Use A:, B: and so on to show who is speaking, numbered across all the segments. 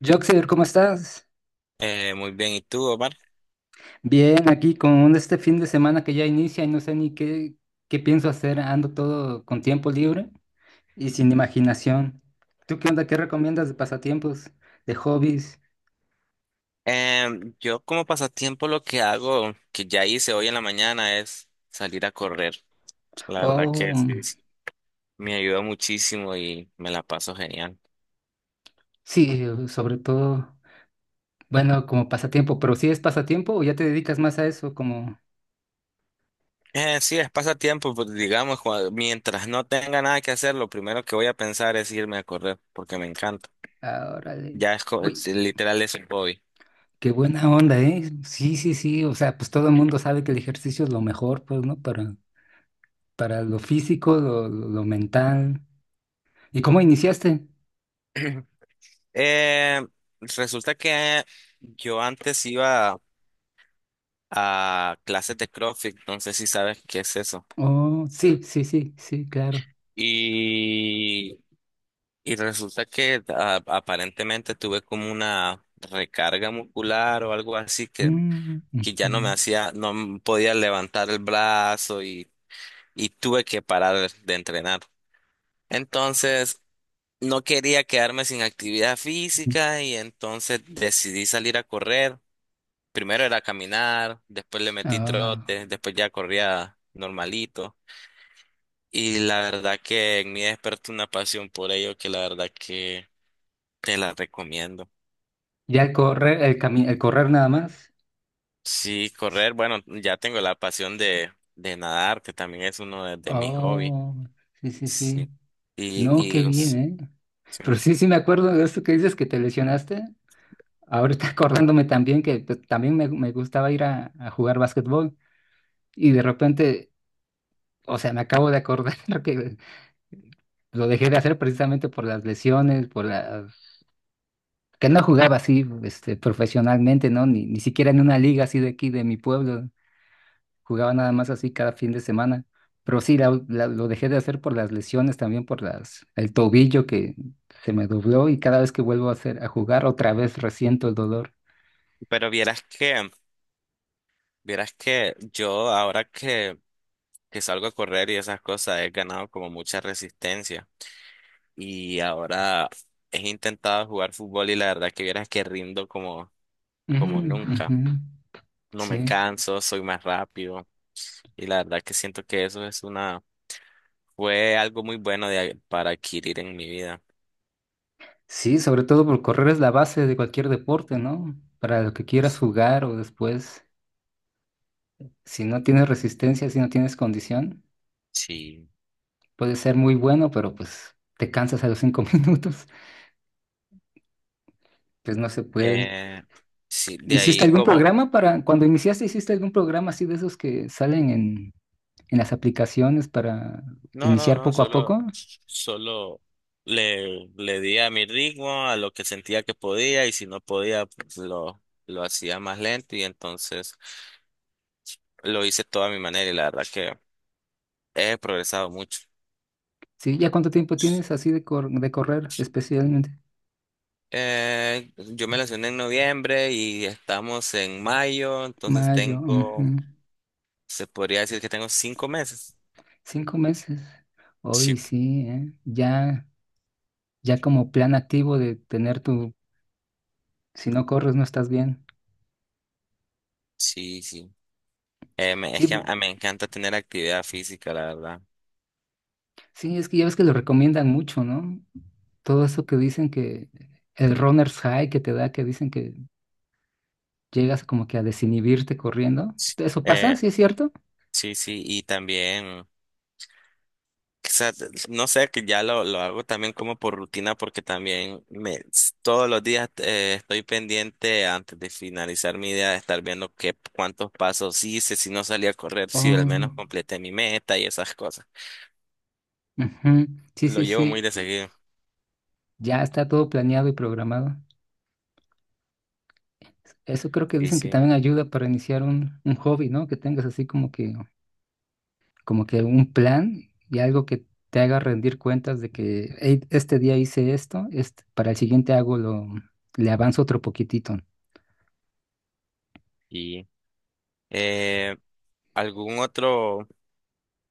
A: Joxer, ¿cómo estás?
B: Muy bien, ¿y tú, Omar?
A: Bien, aquí con este fin de semana que ya inicia y no sé ni qué pienso hacer. Ando todo con tiempo libre y sin imaginación. ¿Tú qué onda? ¿Qué recomiendas de pasatiempos, de hobbies?
B: Yo como pasatiempo lo que hago, que ya hice hoy en la mañana, es salir a correr. La verdad que
A: O
B: sí,
A: mm,
B: sí, me ayuda muchísimo y me la paso genial.
A: sí, sobre todo, bueno, como pasatiempo, pero si ¿sí es pasatiempo o ya te dedicas más a eso, como
B: Sí, es pasatiempo, pues digamos, mientras no tenga nada que hacer, lo primero que voy a pensar es irme a correr, porque me encanta.
A: ahora?
B: Ya es,
A: Uy,
B: literal es un hobby.
A: qué buena onda, ¿eh? Sí, sí, sí. O sea, pues todo el mundo sabe que el ejercicio es lo mejor, pues, ¿no? Para lo físico, lo mental. ¿Y cómo iniciaste?
B: Eh, Resulta que yo antes iba a clases de CrossFit, no sé si sabes qué es eso.
A: Oh, sí, sí, sí, sí, claro.
B: Y, y resulta que aparentemente tuve como una recarga muscular o algo así
A: Mm,
B: que ya no me
A: ujú,
B: hacía, no m- podía levantar el brazo y tuve que parar de entrenar. Entonces, no quería quedarme sin actividad
A: ujú.
B: física y entonces decidí salir a correr. Primero era caminar, después le metí
A: Ah,
B: trote, después ya corría normalito. Y la verdad que en mí despertó una pasión por ello que la verdad que te la recomiendo.
A: ya el correr, el correr nada más.
B: Sí,
A: Sí.
B: correr, bueno, ya tengo la pasión de nadar, que también es uno de mis hobbies.
A: Oh, sí, sí, sí.
B: Sí.
A: No,
B: Y,
A: qué
B: y
A: bien,
B: os-
A: ¿eh?
B: sí.
A: Pero sí, sí me acuerdo de esto que dices que te lesionaste. Ahorita acordándome también que pues, también me gustaba ir a jugar básquetbol y de repente, o sea, me acabo de acordar que lo dejé de hacer precisamente por las lesiones, por las que no jugaba así, este, profesionalmente, ¿no? Ni siquiera en una liga así de aquí, de mi pueblo. Jugaba nada más así cada fin de semana. Pero sí, lo dejé de hacer por las lesiones, también por las, el tobillo que se me dobló y cada vez que vuelvo a hacer, a jugar, otra vez resiento el dolor.
B: Pero vieras que yo ahora que salgo a correr y esas cosas, he ganado como mucha resistencia. Y ahora he intentado jugar fútbol y la verdad que vieras que rindo como,
A: Ujú,
B: como nunca.
A: ujú.
B: No me
A: Sí.
B: canso, soy más rápido. Y la verdad que siento que eso es una fue algo muy bueno para adquirir en mi vida.
A: Sí, sobre todo, por correr es la base de cualquier deporte, ¿no? Para lo que quieras jugar o después, si no tienes resistencia, si no tienes condición.
B: Sí.
A: Puede ser muy bueno, pero pues te cansas a los cinco minutos, pues no se puede.
B: Eh, sí, de
A: ¿Hiciste
B: ahí
A: algún
B: como,
A: programa para, cuando iniciaste, hiciste algún programa así de esos que salen en las aplicaciones para
B: no, no,
A: iniciar
B: no,
A: poco a
B: solo,
A: poco?
B: solo le di a mi ritmo, a lo que sentía que podía y si no podía, pues lo hacía más lento y entonces lo hice toda a mi manera y la verdad que he progresado mucho.
A: Sí, ¿ya cuánto tiempo tienes así de, cor- de correr especialmente?
B: Yo me lesioné en noviembre y estamos en mayo, entonces
A: Mayo, ujú.
B: tengo, se podría decir que tengo cinco meses.
A: 5 meses.
B: Sí,
A: Hoy sí, ¿eh? Ya, ya como plan activo de tener tu, si no corres no estás bien.
B: sí, sí. Es
A: Sí,
B: que me encanta tener actividad física, la verdad.
A: sí, es que ya ves que lo recomiendan mucho, ¿no? Todo eso que dicen, que el runner's high que te da, que dicen que llegas como que a desinhibirte corriendo. ¿Eso pasa?
B: Eh,
A: ¿Sí es cierto?
B: sí, sí, y también, quizás, no sé, que ya lo hago también como por rutina, porque también todos los días estoy pendiente antes de finalizar mi día de estar viendo qué, cuántos pasos hice, si no salí a correr, si al
A: Oh,
B: menos completé mi meta y esas cosas.
A: ujú. Sí,
B: Lo
A: sí,
B: llevo muy
A: sí.
B: de seguido.
A: Ya está todo planeado y programado. Eso creo que
B: Sí,
A: dicen que
B: sí.
A: también ayuda para iniciar un hobby, ¿no? Que tengas así como que un plan y algo que te haga rendir cuentas de que "Ey, este día hice esto, este, para el siguiente hago lo, le avanzo otro poquitito".
B: Y eh, algún otro,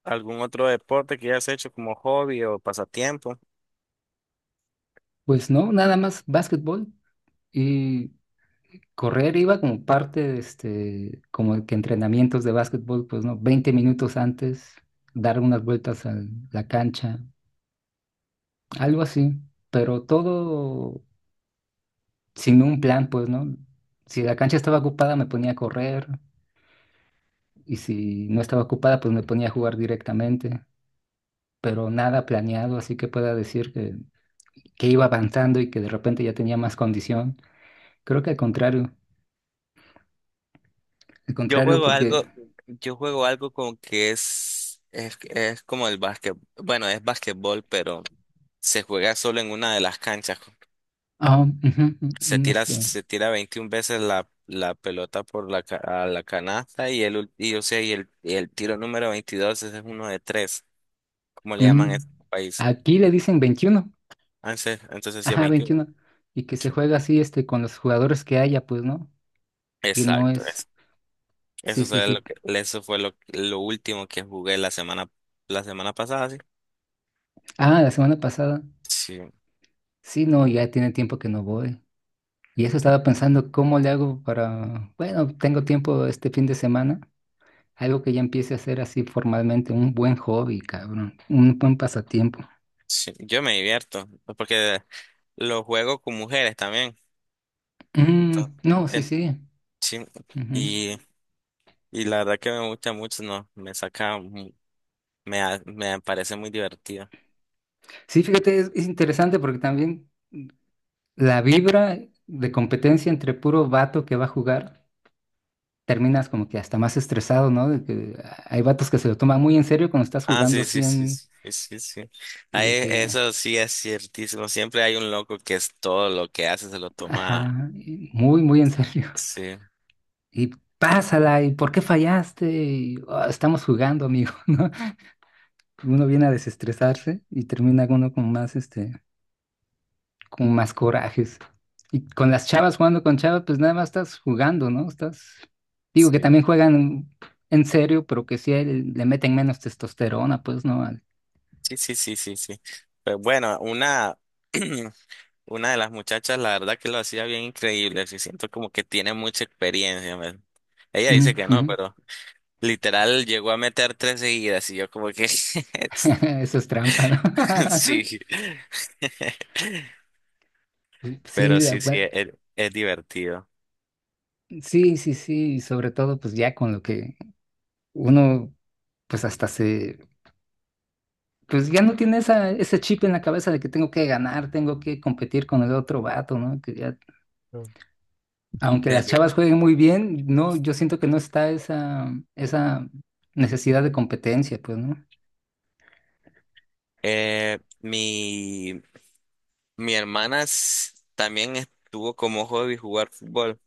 B: algún otro deporte que hayas hecho como hobby o pasatiempo.
A: Pues no, nada más básquetbol y correr iba como parte de este, como que entrenamientos de básquetbol, pues no, 20 minutos antes, dar unas vueltas a la cancha, algo así, pero todo sin un plan, pues no. Si la cancha estaba ocupada me ponía a correr, y si no estaba ocupada pues me ponía a jugar directamente, pero nada planeado, así que pueda decir que iba avanzando y que de repente ya tenía más condición. Creo que al
B: Yo
A: contrario
B: juego
A: porque...
B: algo, yo juego algo como que es como el básquet, bueno, es básquetbol, pero se juega solo en una de las canchas.
A: Ah, ujú, un un, este,
B: Se tira 21 veces la pelota por a la canasta y el, ul- y, o sea, y el tiro número 22 ese es uno de tres, como le llaman en
A: un-
B: este país.
A: aquí le dicen 21,
B: Entonces sí es
A: ajá,
B: 21.
A: 21, y que se
B: Sí.
A: juega así, este, con los jugadores que haya, pues, ¿no? Que no
B: Exacto,
A: es,
B: eso.
A: sí, sí, sí.
B: Eso fue lo último que jugué la semana pasada, sí.
A: Ah, la semana pasada,
B: Sí.
A: sí, no, ya tiene tiempo que no voy. Y eso estaba pensando, ¿cómo le hago para, bueno, tengo tiempo este fin de semana, algo que ya empiece a hacer así formalmente, un buen hobby, cabrón, un buen pasatiempo.
B: Sí, yo me divierto, pues, porque lo juego con mujeres también. Entonces,
A: Mm, no, sí,
B: en-
A: sí.
B: sí,
A: Ujú.
B: y, y la verdad que me gusta mucho, no, me saca, mu- me, ha- me parece muy divertido.
A: Sí, fíjate, es interesante porque también la vibra de competencia entre puro vato que va a jugar, terminas como que hasta más estresado, ¿no? De que hay vatos que se lo toman muy en serio cuando estás
B: Ah,
A: jugando
B: sí,
A: así
B: sí, sí,
A: en...
B: sí, sí, sí.
A: Y
B: Ahí,
A: de que,
B: eso sí es ciertísimo. Siempre hay un loco que es todo lo que hace, se lo toma.
A: ajá, y muy, muy en serio.
B: Sí,
A: Y pásala, ¿y por qué fallaste? Y, "Oh, estamos jugando, amigo", ¿no? Uno viene a desestresarse y termina uno con más, este, como más corajes. Y con las chavas jugando con chavas, pues nada más estás jugando, ¿no? Estás, digo que
B: sí,
A: también juegan en serio, pero que sí le meten menos testosterona, pues, ¿no? Al-
B: sí, sí, sí, sí, sí. Pues bueno, una una de las muchachas, la verdad que lo hacía bien increíble, sí siento como que tiene mucha experiencia, man. Ella
A: Ujú,
B: dice que no,
A: ujú.
B: pero literal llegó a meter 3 seguidas y yo como que
A: Eso es trampa, ¿no?
B: sí.
A: Sí,
B: Pero
A: la
B: sí, sí,
A: verdad,
B: es divertido.
A: sí, sí, sí, y sobre todo pues ya con lo que uno pues hasta se, pues ya no tiene esa, ese chip en la cabeza de que tengo que ganar, tengo que competir con el otro vato, ¿no? Que ya
B: Mm.
A: aunque
B: Bien,
A: las
B: bien.
A: chavas jueguen muy bien, no, yo siento que no está esa, necesidad de competencia, pues, ¿no?
B: Eh, mi, Mi hermana también estuvo como hobby jugar fútbol.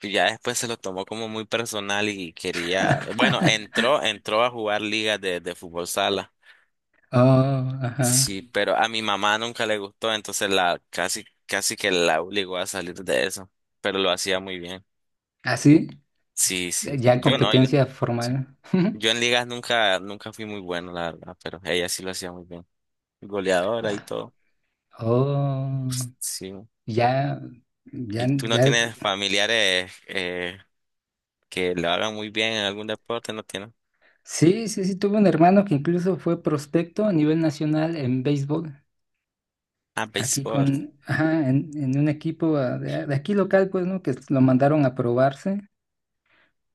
B: Y ya después se lo tomó como muy personal y quería, bueno, entró a jugar ligas de fútbol sala.
A: Oh, ajá.
B: Sí, pero a mi mamá nunca le gustó, entonces la casi que la obligó a salir de eso, pero lo hacía muy bien.
A: Así,
B: Sí, sí.
A: ya
B: Yo no, yo.
A: competencia
B: Sí.
A: formal.
B: Yo en ligas nunca, nunca fui muy bueno, la verdad, pero ella sí lo hacía muy bien. Goleadora y
A: Ah,
B: todo.
A: oh,
B: Sí.
A: ya, ya,
B: ¿Y tú no tienes
A: ya.
B: familiares que lo hagan muy bien en algún deporte? ¿No tienes?
A: Sí, sí, sí, tuve un hermano que incluso fue prospecto a nivel nacional en béisbol.
B: Ah,
A: Aquí
B: béisbol.
A: con, ajá, en un equipo ah, de aquí local, pues, ¿no? Que lo mandaron a probarse,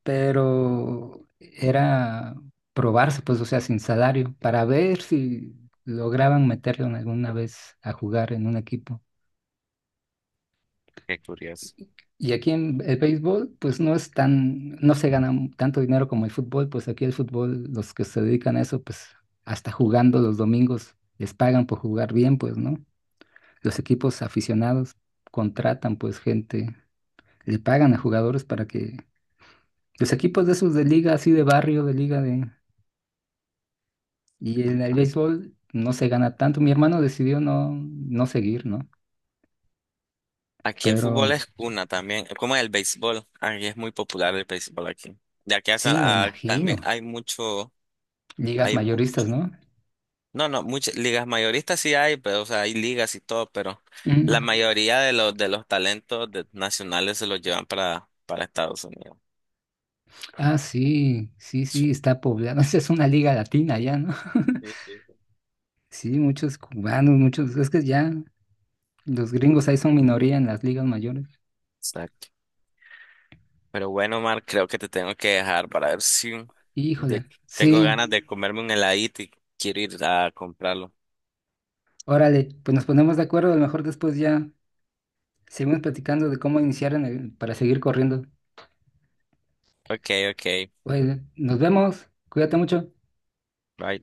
A: pero era probarse, pues, o sea, sin salario, para ver si lograban meterlo en alguna vez a jugar en un equipo.
B: Qué curioso.
A: Y aquí en el béisbol, pues no es tan, no se gana mu- tanto dinero como el fútbol, pues aquí el fútbol, los que se dedican a eso, pues hasta jugando los domingos, les pagan por jugar bien, pues, ¿no? Los equipos aficionados contratan, pues, gente, le pagan a jugadores para que, los equipos de esos de liga, así de barrio, de liga de... Y el béisbol no se gana tanto. Mi hermano decidió no, no seguir, ¿no?
B: Aquí el
A: Pero
B: fútbol es cuna también, como el béisbol. Aquí es muy popular el béisbol aquí. De aquí a,
A: sí, me
B: También
A: imagino.
B: hay mucho.
A: Ligas
B: Hay mu-
A: mayoristas, ¿no?
B: no, no, muchas ligas mayoristas sí hay, pero o sea, hay ligas y todo, pero
A: Mm.
B: la mayoría de los talentos nacionales se los llevan para Estados Unidos.
A: Ah, sí, sí, sí,
B: Sí,
A: está poblado. Esa es una liga latina ya, ¿no?
B: sí, sí,
A: Sí, muchos cubanos, muchos. Es que ya los gringos ahí son minoría en las ligas mayores.
B: exacto. Pero bueno, Mar, creo que te tengo que dejar para ver si de-
A: Híjole,
B: tengo
A: sí,
B: ganas de comerme un heladito y quiero ir a comprarlo.
A: órale, pues nos ponemos de acuerdo. A lo mejor después ya seguimos platicando de cómo iniciar en el- para seguir corriendo.
B: Ok, ok.
A: Oye, nos vemos. Cuídate mucho.
B: Bye.